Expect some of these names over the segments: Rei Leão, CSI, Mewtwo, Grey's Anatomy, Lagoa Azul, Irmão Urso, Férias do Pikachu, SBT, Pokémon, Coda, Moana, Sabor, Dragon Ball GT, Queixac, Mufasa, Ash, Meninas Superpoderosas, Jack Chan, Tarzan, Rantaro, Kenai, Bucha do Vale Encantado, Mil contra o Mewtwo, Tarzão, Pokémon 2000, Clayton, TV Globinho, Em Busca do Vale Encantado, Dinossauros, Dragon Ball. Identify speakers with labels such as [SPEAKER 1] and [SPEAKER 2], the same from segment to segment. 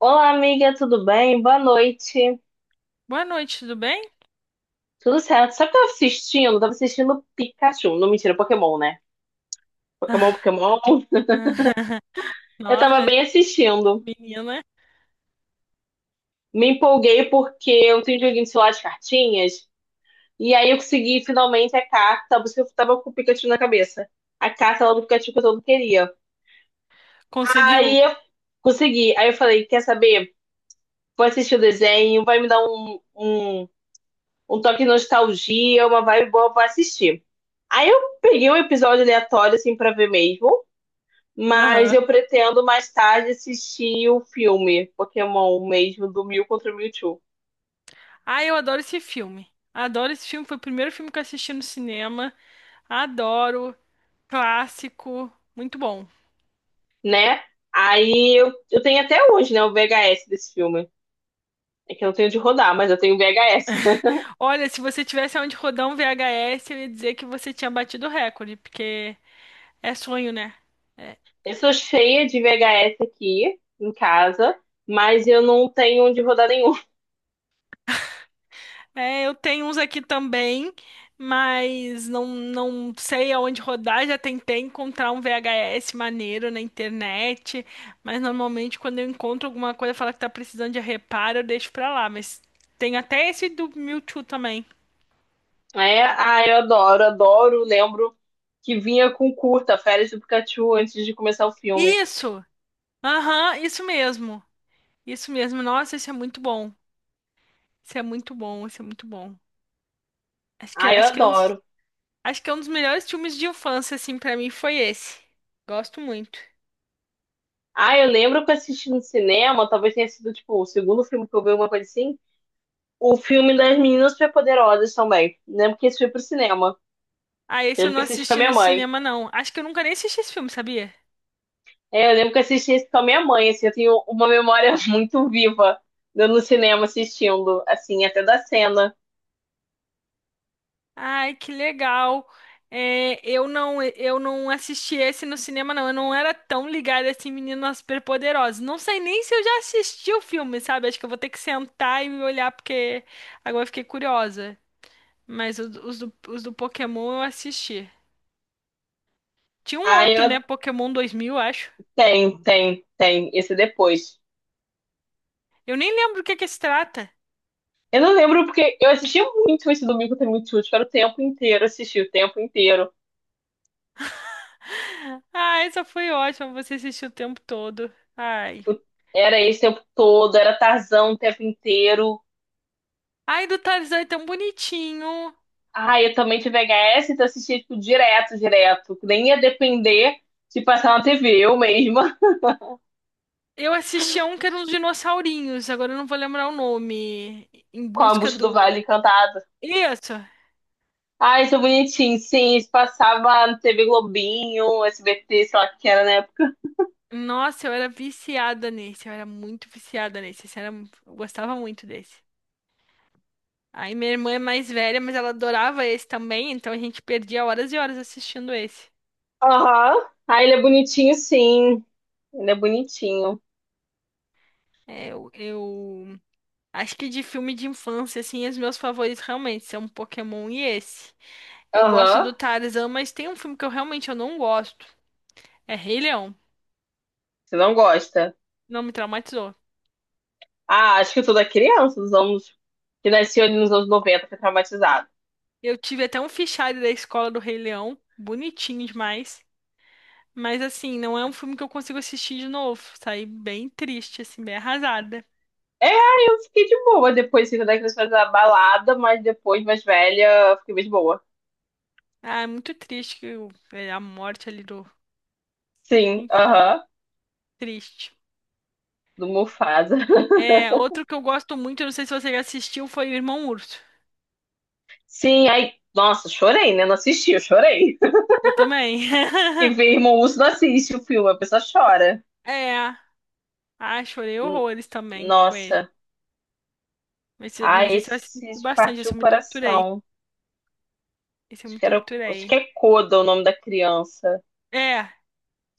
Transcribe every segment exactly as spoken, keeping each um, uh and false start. [SPEAKER 1] Olá, amiga, tudo bem? Boa noite.
[SPEAKER 2] Boa noite, tudo bem?
[SPEAKER 1] Tudo certo? Sabe o que eu tava assistindo? Eu tava assistindo Pikachu. Não, mentira, Pokémon, né? Pokémon, Pokémon. Eu tava
[SPEAKER 2] Nossa,
[SPEAKER 1] bem assistindo.
[SPEAKER 2] menina,
[SPEAKER 1] Me empolguei porque eu tenho um joguinho de celular de cartinhas. E aí eu consegui finalmente a carta, porque eu tava com o Pikachu na cabeça. A carta lá do Pikachu que eu todo queria.
[SPEAKER 2] conseguiu.
[SPEAKER 1] Aí eu consegui. Aí eu falei: quer saber? Vou assistir o desenho, vai me dar um, um, um toque de nostalgia, uma vibe boa, vou assistir. Aí eu peguei um episódio aleatório, assim, pra ver mesmo. Mas
[SPEAKER 2] Aham.
[SPEAKER 1] eu pretendo mais tarde assistir o filme Pokémon mesmo, do Mil contra o Mewtwo,
[SPEAKER 2] Ah, eu adoro esse filme. Adoro esse filme, foi o primeiro filme que eu assisti no cinema. Adoro, clássico, muito bom.
[SPEAKER 1] né? Aí eu, eu tenho até hoje, né, o V H S desse filme. É que eu não tenho de rodar, mas eu tenho V H S.
[SPEAKER 2] Olha, se você tivesse onde rodar um V H S, eu ia dizer que você tinha batido o recorde, porque é sonho, né? É,
[SPEAKER 1] Eu sou cheia de V H S aqui em casa, mas eu não tenho de rodar nenhum.
[SPEAKER 2] é, eu tenho uns aqui também, mas não, não sei aonde rodar. Já tentei encontrar um V H S maneiro na internet, mas normalmente quando eu encontro alguma coisa, fala que tá precisando de reparo, eu deixo pra lá. Mas tem até esse do Mewtwo também.
[SPEAKER 1] É, ah, eu adoro, adoro. Lembro que vinha com curta, Férias do Pikachu, antes de começar o filme.
[SPEAKER 2] Isso! Aham, isso mesmo. Isso mesmo. Nossa, isso é muito bom. Isso é muito bom, isso é muito bom. Acho que,
[SPEAKER 1] Ah, eu
[SPEAKER 2] acho que é um dos,
[SPEAKER 1] adoro.
[SPEAKER 2] acho que é um dos melhores filmes de infância, assim, pra mim foi esse. Gosto muito.
[SPEAKER 1] Ah, eu lembro que eu assisti no cinema, talvez tenha sido, tipo, o segundo filme que eu vi, alguma coisa assim. O filme das Meninas Superpoderosas também. Lembro que esse foi pro cinema.
[SPEAKER 2] Ah, esse eu
[SPEAKER 1] Lembro que
[SPEAKER 2] não
[SPEAKER 1] assisti com a
[SPEAKER 2] assisti
[SPEAKER 1] minha
[SPEAKER 2] no
[SPEAKER 1] mãe.
[SPEAKER 2] cinema, não. Acho que eu nunca nem assisti esse filme, sabia?
[SPEAKER 1] É, eu lembro que assisti esse com a minha mãe, assim, eu tenho uma memória muito viva de no cinema assistindo, assim, até da cena.
[SPEAKER 2] Ai, que legal. É, eu não, eu não assisti esse no cinema, não. Eu não era tão ligada assim, meninas superpoderosas. Não sei nem se eu já assisti o filme, sabe? Acho que eu vou ter que sentar e olhar, porque agora eu fiquei curiosa. Mas os, os do, os do Pokémon eu assisti. Tinha um
[SPEAKER 1] Ah,
[SPEAKER 2] outro,
[SPEAKER 1] eu...
[SPEAKER 2] né? Pokémon dois mil, acho.
[SPEAKER 1] Tem, tem, tem. Esse é depois.
[SPEAKER 2] Eu nem lembro do que que se trata.
[SPEAKER 1] Eu não lembro porque eu assistia muito esse domingo tem muito útil, era o tempo inteiro, assisti o tempo inteiro.
[SPEAKER 2] Ah, essa foi ótima. Você assistiu o tempo todo. Ai.
[SPEAKER 1] Eu- era esse o tempo todo, era Tarzão o tempo inteiro.
[SPEAKER 2] Ai, do Tarzan é tão bonitinho.
[SPEAKER 1] Ah, eu também tive V H S, então assistia, tipo, direto, direto. Nem ia depender de passar na T V, eu mesma,
[SPEAKER 2] Eu assistia um que era uns dinossaurinhos, agora eu não vou lembrar o nome. Em
[SPEAKER 1] com a
[SPEAKER 2] busca
[SPEAKER 1] Bucha do
[SPEAKER 2] do.
[SPEAKER 1] Vale Encantado.
[SPEAKER 2] Isso!
[SPEAKER 1] Ah, isso é bonitinho. Sim, isso passava na T V Globinho, S B T, sei lá o que era na época.
[SPEAKER 2] Nossa, eu era viciada nesse, eu era muito viciada nesse. Esse era, eu gostava muito desse. Aí minha irmã é mais velha, mas ela adorava esse também, então a gente perdia horas e horas assistindo esse.
[SPEAKER 1] Aham. Ah, ele é bonitinho, sim. Ele é bonitinho.
[SPEAKER 2] É, eu, eu acho que de filme de infância, assim, os meus favoritos realmente são Pokémon e esse. Eu gosto
[SPEAKER 1] Aham.
[SPEAKER 2] do Tarzan, mas tem um filme que eu realmente eu não gosto. É Rei Leão.
[SPEAKER 1] Você não gosta?
[SPEAKER 2] Não me traumatizou.
[SPEAKER 1] Ah, acho que toda criança dos anos que nasceu ali nos anos noventa foi traumatizada.
[SPEAKER 2] Eu tive até um fichário da escola do Rei Leão, bonitinho demais. Mas assim, não é um filme que eu consigo assistir de novo. Saí bem triste, assim, bem arrasada.
[SPEAKER 1] É, eu fiquei de boa depois, assim, quando a criança faz a balada, mas depois, mais velha, eu fiquei mais de boa.
[SPEAKER 2] Ah, é muito triste que o, é, a morte ali do.
[SPEAKER 1] Sim,
[SPEAKER 2] Enfim,
[SPEAKER 1] aham,
[SPEAKER 2] triste.
[SPEAKER 1] do Mufasa.
[SPEAKER 2] É, outro que eu gosto muito, eu não sei se você já assistiu, foi o Irmão Urso.
[SPEAKER 1] Sim, aí, nossa, chorei, né? Não assisti, eu chorei.
[SPEAKER 2] Eu também.
[SPEAKER 1] Que ver Irmão Urso não assiste o filme, a pessoa chora.
[SPEAKER 2] É. Ah, chorei
[SPEAKER 1] N-
[SPEAKER 2] horrores também com esse.
[SPEAKER 1] nossa,
[SPEAKER 2] Mas, esse,
[SPEAKER 1] ah,
[SPEAKER 2] mas esse eu assisti
[SPEAKER 1] esse
[SPEAKER 2] bastante,
[SPEAKER 1] partiu
[SPEAKER 2] esse
[SPEAKER 1] o
[SPEAKER 2] eu me torturei.
[SPEAKER 1] coração.
[SPEAKER 2] Esse eu
[SPEAKER 1] Acho
[SPEAKER 2] me
[SPEAKER 1] que era, acho que
[SPEAKER 2] torturei.
[SPEAKER 1] é Coda o nome da criança.
[SPEAKER 2] É.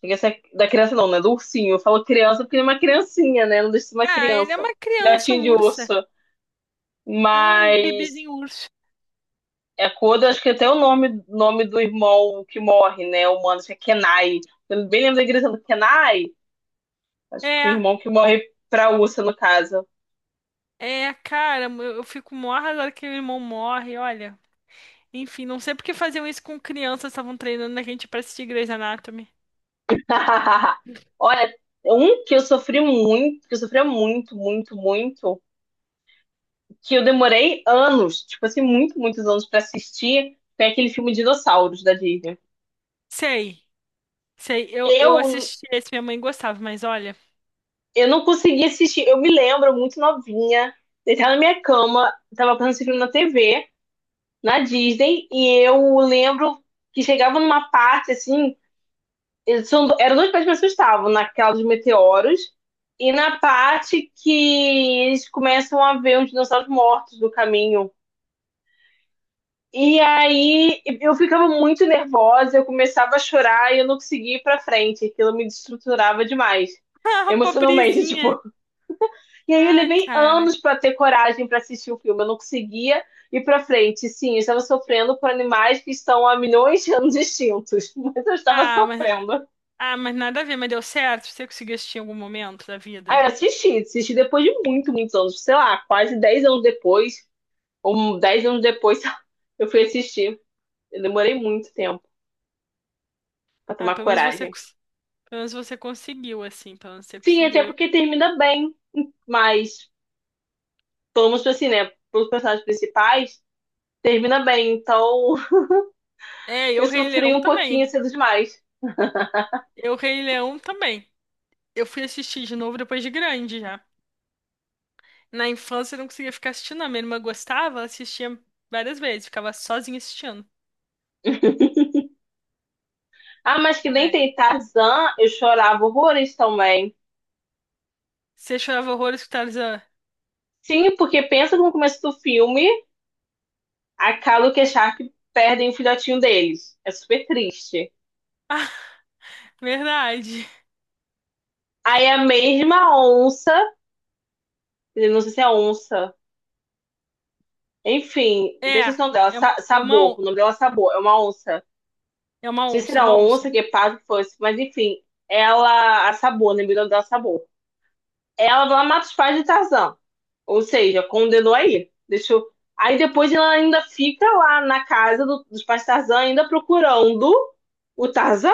[SPEAKER 1] Chega a ser- da criança não, né? Do ursinho. Eu falo criança porque é uma criancinha, né? Não deixa de ser uma
[SPEAKER 2] Ah, ele é
[SPEAKER 1] criança.
[SPEAKER 2] uma criança,
[SPEAKER 1] Gatinho
[SPEAKER 2] um
[SPEAKER 1] de
[SPEAKER 2] urso.
[SPEAKER 1] urso.
[SPEAKER 2] É um
[SPEAKER 1] Mas
[SPEAKER 2] bebezinho urso.
[SPEAKER 1] é Coda, acho que até o nome, nome do irmão que morre, né? O mano, acho que é Kenai. Eu bem lembro da igreja do Kenai. Acho que o
[SPEAKER 2] É,
[SPEAKER 1] irmão que morre pra ursa, no caso.
[SPEAKER 2] é, cara, eu eu fico mó arrasada que meu irmão morre, olha. Enfim, não sei por que faziam isso com crianças, estavam treinando a gente pra assistir Grey's Anatomy.
[SPEAKER 1] Olha, um que eu sofri muito, que eu sofria muito, muito, muito, que eu demorei anos, tipo assim, muito, muitos anos pra assistir, foi aquele filme Dinossauros da Disney.
[SPEAKER 2] Sei, sei, eu, eu
[SPEAKER 1] Eu,
[SPEAKER 2] assisti esse, minha mãe gostava, mas olha.
[SPEAKER 1] eu não consegui assistir, eu me lembro muito novinha, deitada na minha cama, tava passando esse filme na T V, na Disney, e eu lembro que chegava numa parte assim eles são, eram duas partes que me assustavam, naquela dos meteoros e na parte que eles começam a ver os dinossauros mortos no caminho. E aí eu ficava muito nervosa, eu começava a chorar e eu não conseguia ir pra frente. Aquilo me destruturava demais,
[SPEAKER 2] Ah,
[SPEAKER 1] emocionalmente,
[SPEAKER 2] pobrezinha.
[SPEAKER 1] tipo. E aí eu
[SPEAKER 2] Ah,
[SPEAKER 1] levei
[SPEAKER 2] cara.
[SPEAKER 1] anos pra ter coragem pra assistir o filme, eu não conseguia ir pra frente. Sim, eu estava sofrendo por animais que estão há milhões de anos extintos, mas eu estava
[SPEAKER 2] Ah, mas,
[SPEAKER 1] sofrendo.
[SPEAKER 2] ah, mas nada a ver, mas deu certo? Você conseguiu assistir em algum momento da
[SPEAKER 1] Aí eu
[SPEAKER 2] vida?
[SPEAKER 1] assisti, assisti depois de muito, muitos anos, sei lá, quase dez anos depois, ou dez anos depois, eu fui assistir. Eu demorei muito tempo pra
[SPEAKER 2] Ah,
[SPEAKER 1] tomar
[SPEAKER 2] pelo menos você,
[SPEAKER 1] coragem.
[SPEAKER 2] cons-, pelo menos você conseguiu, assim, pelo menos você
[SPEAKER 1] Sim,
[SPEAKER 2] conseguiu.
[SPEAKER 1] até
[SPEAKER 2] Eu,
[SPEAKER 1] porque termina bem, mas, pelo menos assim, né, pelos personagens principais, termina bem. Então,
[SPEAKER 2] é,
[SPEAKER 1] eu
[SPEAKER 2] eu Rei
[SPEAKER 1] sofri
[SPEAKER 2] Leão
[SPEAKER 1] um pouquinho
[SPEAKER 2] também.
[SPEAKER 1] cedo demais.
[SPEAKER 2] Eu Rei Leão também. Eu fui assistir de novo depois de grande já. Na infância eu não conseguia ficar assistindo, a minha irmã gostava, ela assistia várias vezes, ficava sozinha assistindo.
[SPEAKER 1] Ah, mas que nem
[SPEAKER 2] É.
[SPEAKER 1] tem Tarzan, eu chorava horrores também.
[SPEAKER 2] Você chorava horrores com Tarzan.
[SPEAKER 1] Sim, porque pensa no começo do filme, a Calo e a Sharp perdem o filhotinho deles. É super triste.
[SPEAKER 2] Ah, verdade.
[SPEAKER 1] Aí a mesma onça, não sei se é onça, enfim,
[SPEAKER 2] É,
[SPEAKER 1] deixa esse nome dela,
[SPEAKER 2] é,
[SPEAKER 1] Sa-
[SPEAKER 2] é uma,
[SPEAKER 1] Sabor,
[SPEAKER 2] on-,
[SPEAKER 1] o nome dela é Sabor, é uma onça. Não
[SPEAKER 2] é uma
[SPEAKER 1] sei se
[SPEAKER 2] onça, é
[SPEAKER 1] era
[SPEAKER 2] uma onça.
[SPEAKER 1] onça, guepardo, que fosse, mas enfim, ela, a Sabor, né, o nome dela é Sabor. Ela vai lá mata os pais de Tarzan, ou seja, condenou aí, deixou... Aí depois ela ainda fica lá na casa do- dos pais de Tarzan, ainda procurando o Tarzan.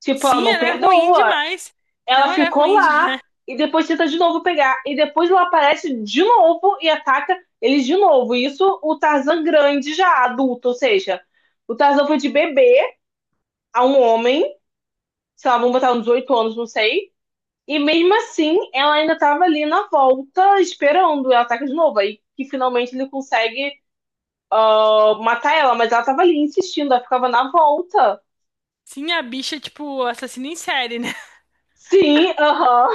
[SPEAKER 1] Tipo, ela
[SPEAKER 2] Sim,
[SPEAKER 1] não
[SPEAKER 2] ela é ruim
[SPEAKER 1] perdoa.
[SPEAKER 2] demais.
[SPEAKER 1] Ela
[SPEAKER 2] Não, ela é
[SPEAKER 1] ficou
[SPEAKER 2] ruim
[SPEAKER 1] lá
[SPEAKER 2] demais.
[SPEAKER 1] e depois tenta de novo pegar. E depois ela aparece de novo e ataca eles de novo. Isso o Tarzan grande já, adulto, ou seja, o Tarzan foi de bebê a um homem, sei lá, vamos botar uns oito anos, não sei. E mesmo assim, ela ainda tava ali na volta, esperando. Ela ataca de novo. Aí que finalmente ele consegue ah, matar ela, mas ela tava ali insistindo, ela ficava na volta.
[SPEAKER 2] Sim, a bicha é tipo assassina em série, né?
[SPEAKER 1] Sim, aham.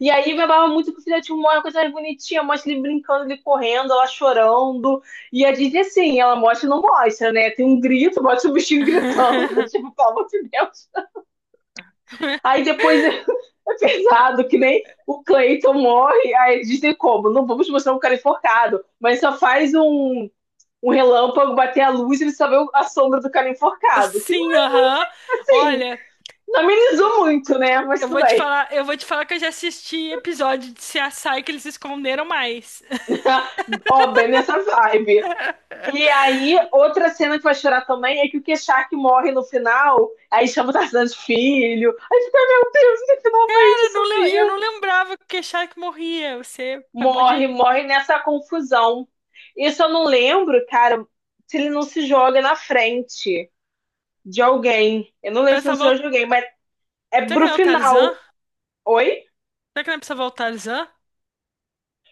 [SPEAKER 1] E aí babava muito pro filhotinho Moana, uma coisa mais bonitinha, mostra ele brincando, ele correndo, ela chorando. E a Disney, assim, ela mostra e não mostra, né? Tem um grito, mostra o bichinho gritando, tipo, pelo amor de Deus. Aí depois é é pesado, que nem o Clayton morre, aí a Disney como? Não vamos mostrar um cara enforcado, mas só faz um, um relâmpago bater a luz e ele só vê a sombra do cara enforcado. Que
[SPEAKER 2] Sim, aham.
[SPEAKER 1] assim,
[SPEAKER 2] Olha,
[SPEAKER 1] não amenizou muito, né? Mas
[SPEAKER 2] eu
[SPEAKER 1] tudo
[SPEAKER 2] vou te
[SPEAKER 1] bem.
[SPEAKER 2] falar, eu vou te falar que eu já assisti episódio de C S I que eles esconderam mais.
[SPEAKER 1] Ó, bem nessa vibe. E aí, outra cena que vai chorar também é que o Queixac morre no final, aí chama o Tarzan de filho, aí fica, meu Deus, ele finalmente
[SPEAKER 2] Eu não, le-, eu
[SPEAKER 1] sumiu.
[SPEAKER 2] não lembrava que Shaq morria. Você acabou de.
[SPEAKER 1] Morre, morre nessa confusão. Isso eu não lembro, cara, se ele não se joga na frente de alguém. Eu não lembro
[SPEAKER 2] Pra
[SPEAKER 1] se não se
[SPEAKER 2] salvar.
[SPEAKER 1] joga de
[SPEAKER 2] O,
[SPEAKER 1] alguém, mas é
[SPEAKER 2] será que
[SPEAKER 1] pro
[SPEAKER 2] não é o
[SPEAKER 1] final.
[SPEAKER 2] Tarzan?
[SPEAKER 1] Oi?
[SPEAKER 2] Será que não é pra salvar o Tarzan?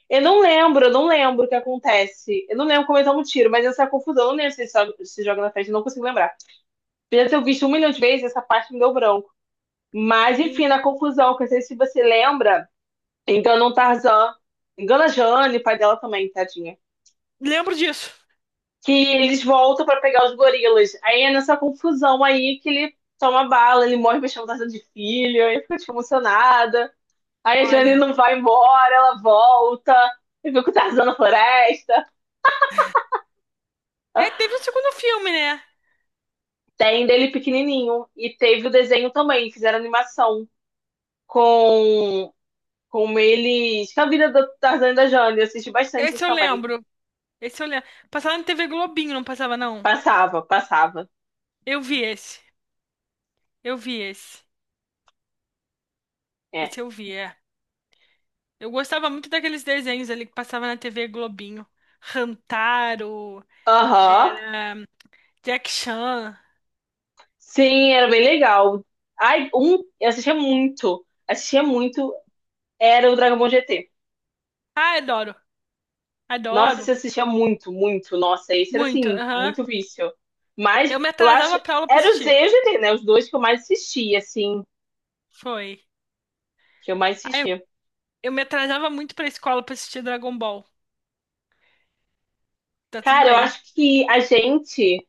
[SPEAKER 1] Eu não lembro, eu não lembro o que acontece. Eu não lembro como ele toma um tiro, mas essa confusão, eu não lembro se ele se joga- na frente, eu não consigo lembrar. Apesar de eu ter visto um milhão de vezes, essa parte me deu branco. Mas,
[SPEAKER 2] Hum,
[SPEAKER 1] enfim, na confusão, que eu não sei se você lembra, engana um Tarzan, engana a Jane, pai dela também, tadinha.
[SPEAKER 2] Lembro disso.
[SPEAKER 1] Que eles voltam pra pegar os gorilas. Aí é nessa confusão aí que ele toma bala, ele morre mexendo Tarzan de filho, aí fica tipo, emocionada. Aí a Jane
[SPEAKER 2] Olha.
[SPEAKER 1] não vai embora, ela volta. E que o Tarzan na floresta.
[SPEAKER 2] É, teve o segundo filme, né?
[SPEAKER 1] Tem dele pequenininho. E teve o desenho também, fizeram animação com, com eles. Com a vida do Tarzan e da Jane. Eu assisti bastante
[SPEAKER 2] Esse
[SPEAKER 1] isso
[SPEAKER 2] eu
[SPEAKER 1] também.
[SPEAKER 2] lembro. Esse eu lembro. Passava na T V Globinho, não passava, não.
[SPEAKER 1] Passava, passava.
[SPEAKER 2] Eu vi esse. Eu vi esse.
[SPEAKER 1] É.
[SPEAKER 2] Esse eu vi, é. Eu gostava muito daqueles desenhos ali que passava na T V Globinho. Rantaro,
[SPEAKER 1] Aham.
[SPEAKER 2] Jack Chan.
[SPEAKER 1] Sim, era bem legal. Ai, um, eu assistia muito. Assistia muito. Era o Dragon Ball G T.
[SPEAKER 2] Ah, adoro.
[SPEAKER 1] Nossa,
[SPEAKER 2] Adoro.
[SPEAKER 1] você assistia muito, muito. Nossa, esse era
[SPEAKER 2] Muito.
[SPEAKER 1] assim,
[SPEAKER 2] Aham.
[SPEAKER 1] muito vício. Mas
[SPEAKER 2] Eu me
[SPEAKER 1] eu acho.
[SPEAKER 2] atrasava pra aula pra
[SPEAKER 1] Era o Z
[SPEAKER 2] assistir.
[SPEAKER 1] e o G T, né? Os dois que eu mais assistia, assim.
[SPEAKER 2] Foi.
[SPEAKER 1] Que eu mais
[SPEAKER 2] Ai, eu
[SPEAKER 1] assistia.
[SPEAKER 2] eu me atrasava muito pra escola pra assistir Dragon Ball. Tá tudo
[SPEAKER 1] Cara, eu
[SPEAKER 2] bem.
[SPEAKER 1] acho que a gente,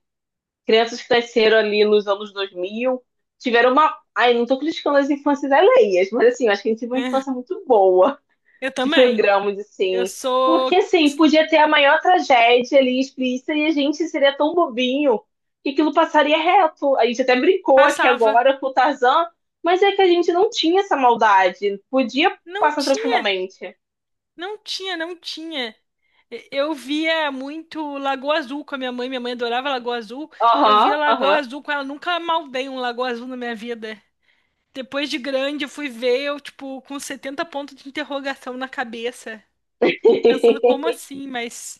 [SPEAKER 1] crianças que cresceram ali nos anos dois mil tiveram uma. Ai, não tô criticando as infâncias alheias, mas assim, eu acho que a gente teve uma infância muito boa.
[SPEAKER 2] Eu
[SPEAKER 1] De
[SPEAKER 2] também.
[SPEAKER 1] programas,
[SPEAKER 2] Eu
[SPEAKER 1] assim.
[SPEAKER 2] sou.
[SPEAKER 1] Porque, assim, podia ter a maior tragédia ali explícita e a gente seria tão bobinho que aquilo passaria reto. A gente até brincou aqui
[SPEAKER 2] Passava.
[SPEAKER 1] agora com o Tarzan, mas é que a gente não tinha essa maldade. Podia
[SPEAKER 2] Não
[SPEAKER 1] passar
[SPEAKER 2] tinha,
[SPEAKER 1] tranquilamente.
[SPEAKER 2] não tinha, não tinha. E, eu via muito Lagoa Azul com a minha mãe. Minha mãe adorava Lagoa Azul. Eu via
[SPEAKER 1] Aham,
[SPEAKER 2] Lagoa
[SPEAKER 1] aham.
[SPEAKER 2] Azul com ela. Nunca maldei um Lagoa Azul na minha vida. Depois de grande, eu fui ver, eu, tipo, com setenta pontos de interrogação na cabeça. Pensando, como assim? Mas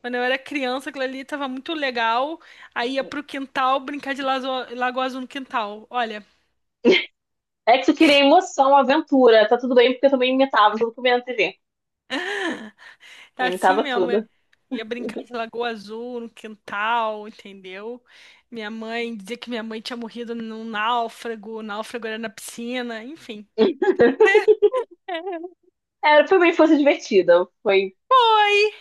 [SPEAKER 2] quando eu era criança, aquilo ali tava muito legal. Aí ia pro quintal brincar de lazo-, Lagoa Azul no quintal. Olha,
[SPEAKER 1] É que tu queria emoção, aventura. Tá tudo bem, porque eu também imitava tudo que eu via na T V. Eu
[SPEAKER 2] tá assim
[SPEAKER 1] imitava
[SPEAKER 2] mesmo. Eu
[SPEAKER 1] tudo.
[SPEAKER 2] ia brincar de Lagoa Azul no quintal, entendeu? Minha mãe dizia que minha mãe tinha morrido num náufrago. O náufrago era na piscina, enfim.
[SPEAKER 1] É, foi uma foi divertida. Foi,
[SPEAKER 2] Foi!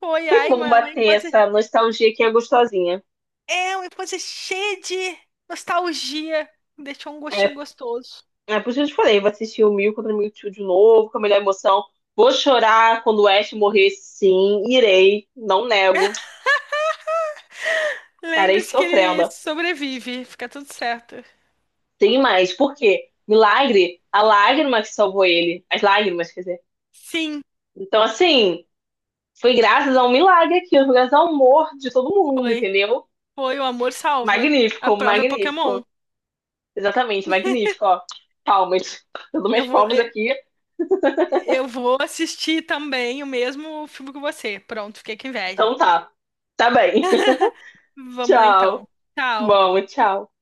[SPEAKER 2] Foi,
[SPEAKER 1] foi
[SPEAKER 2] ai,
[SPEAKER 1] bom
[SPEAKER 2] uma, uma
[SPEAKER 1] bater
[SPEAKER 2] infância.
[SPEAKER 1] essa nostalgia que é gostosinha.
[SPEAKER 2] É, uma infância cheia de nostalgia. Deixou um gostinho
[SPEAKER 1] É,
[SPEAKER 2] gostoso.
[SPEAKER 1] é por isso que eu te falei, vou assistir o Mil contra o Mewtwo de novo, com a melhor emoção. Vou chorar quando o Ash morrer, sim, irei, não nego, estarei
[SPEAKER 2] Lembre-se que ele
[SPEAKER 1] sofrendo.
[SPEAKER 2] sobrevive, fica tudo certo.
[SPEAKER 1] Tem mais, por quê? Milagre, a lágrima que salvou ele, as lágrimas, quer dizer.
[SPEAKER 2] Sim,
[SPEAKER 1] Então, assim, foi graças a um milagre aqui, foi graças ao amor de todo mundo,
[SPEAKER 2] foi.
[SPEAKER 1] entendeu?
[SPEAKER 2] Foi o amor salva. A
[SPEAKER 1] Magnífico,
[SPEAKER 2] prova é Pokémon.
[SPEAKER 1] magnífico. Exatamente, magnífico, ó. Palmas. Eu dou
[SPEAKER 2] Eu
[SPEAKER 1] minhas
[SPEAKER 2] vou,
[SPEAKER 1] palmas
[SPEAKER 2] eu,
[SPEAKER 1] aqui,
[SPEAKER 2] eu vou assistir também o mesmo filme que você. Pronto, fiquei com inveja.
[SPEAKER 1] então tá. Tá bem.
[SPEAKER 2] Vamos lá
[SPEAKER 1] Tchau.
[SPEAKER 2] então. Tchau.
[SPEAKER 1] Bom, tchau.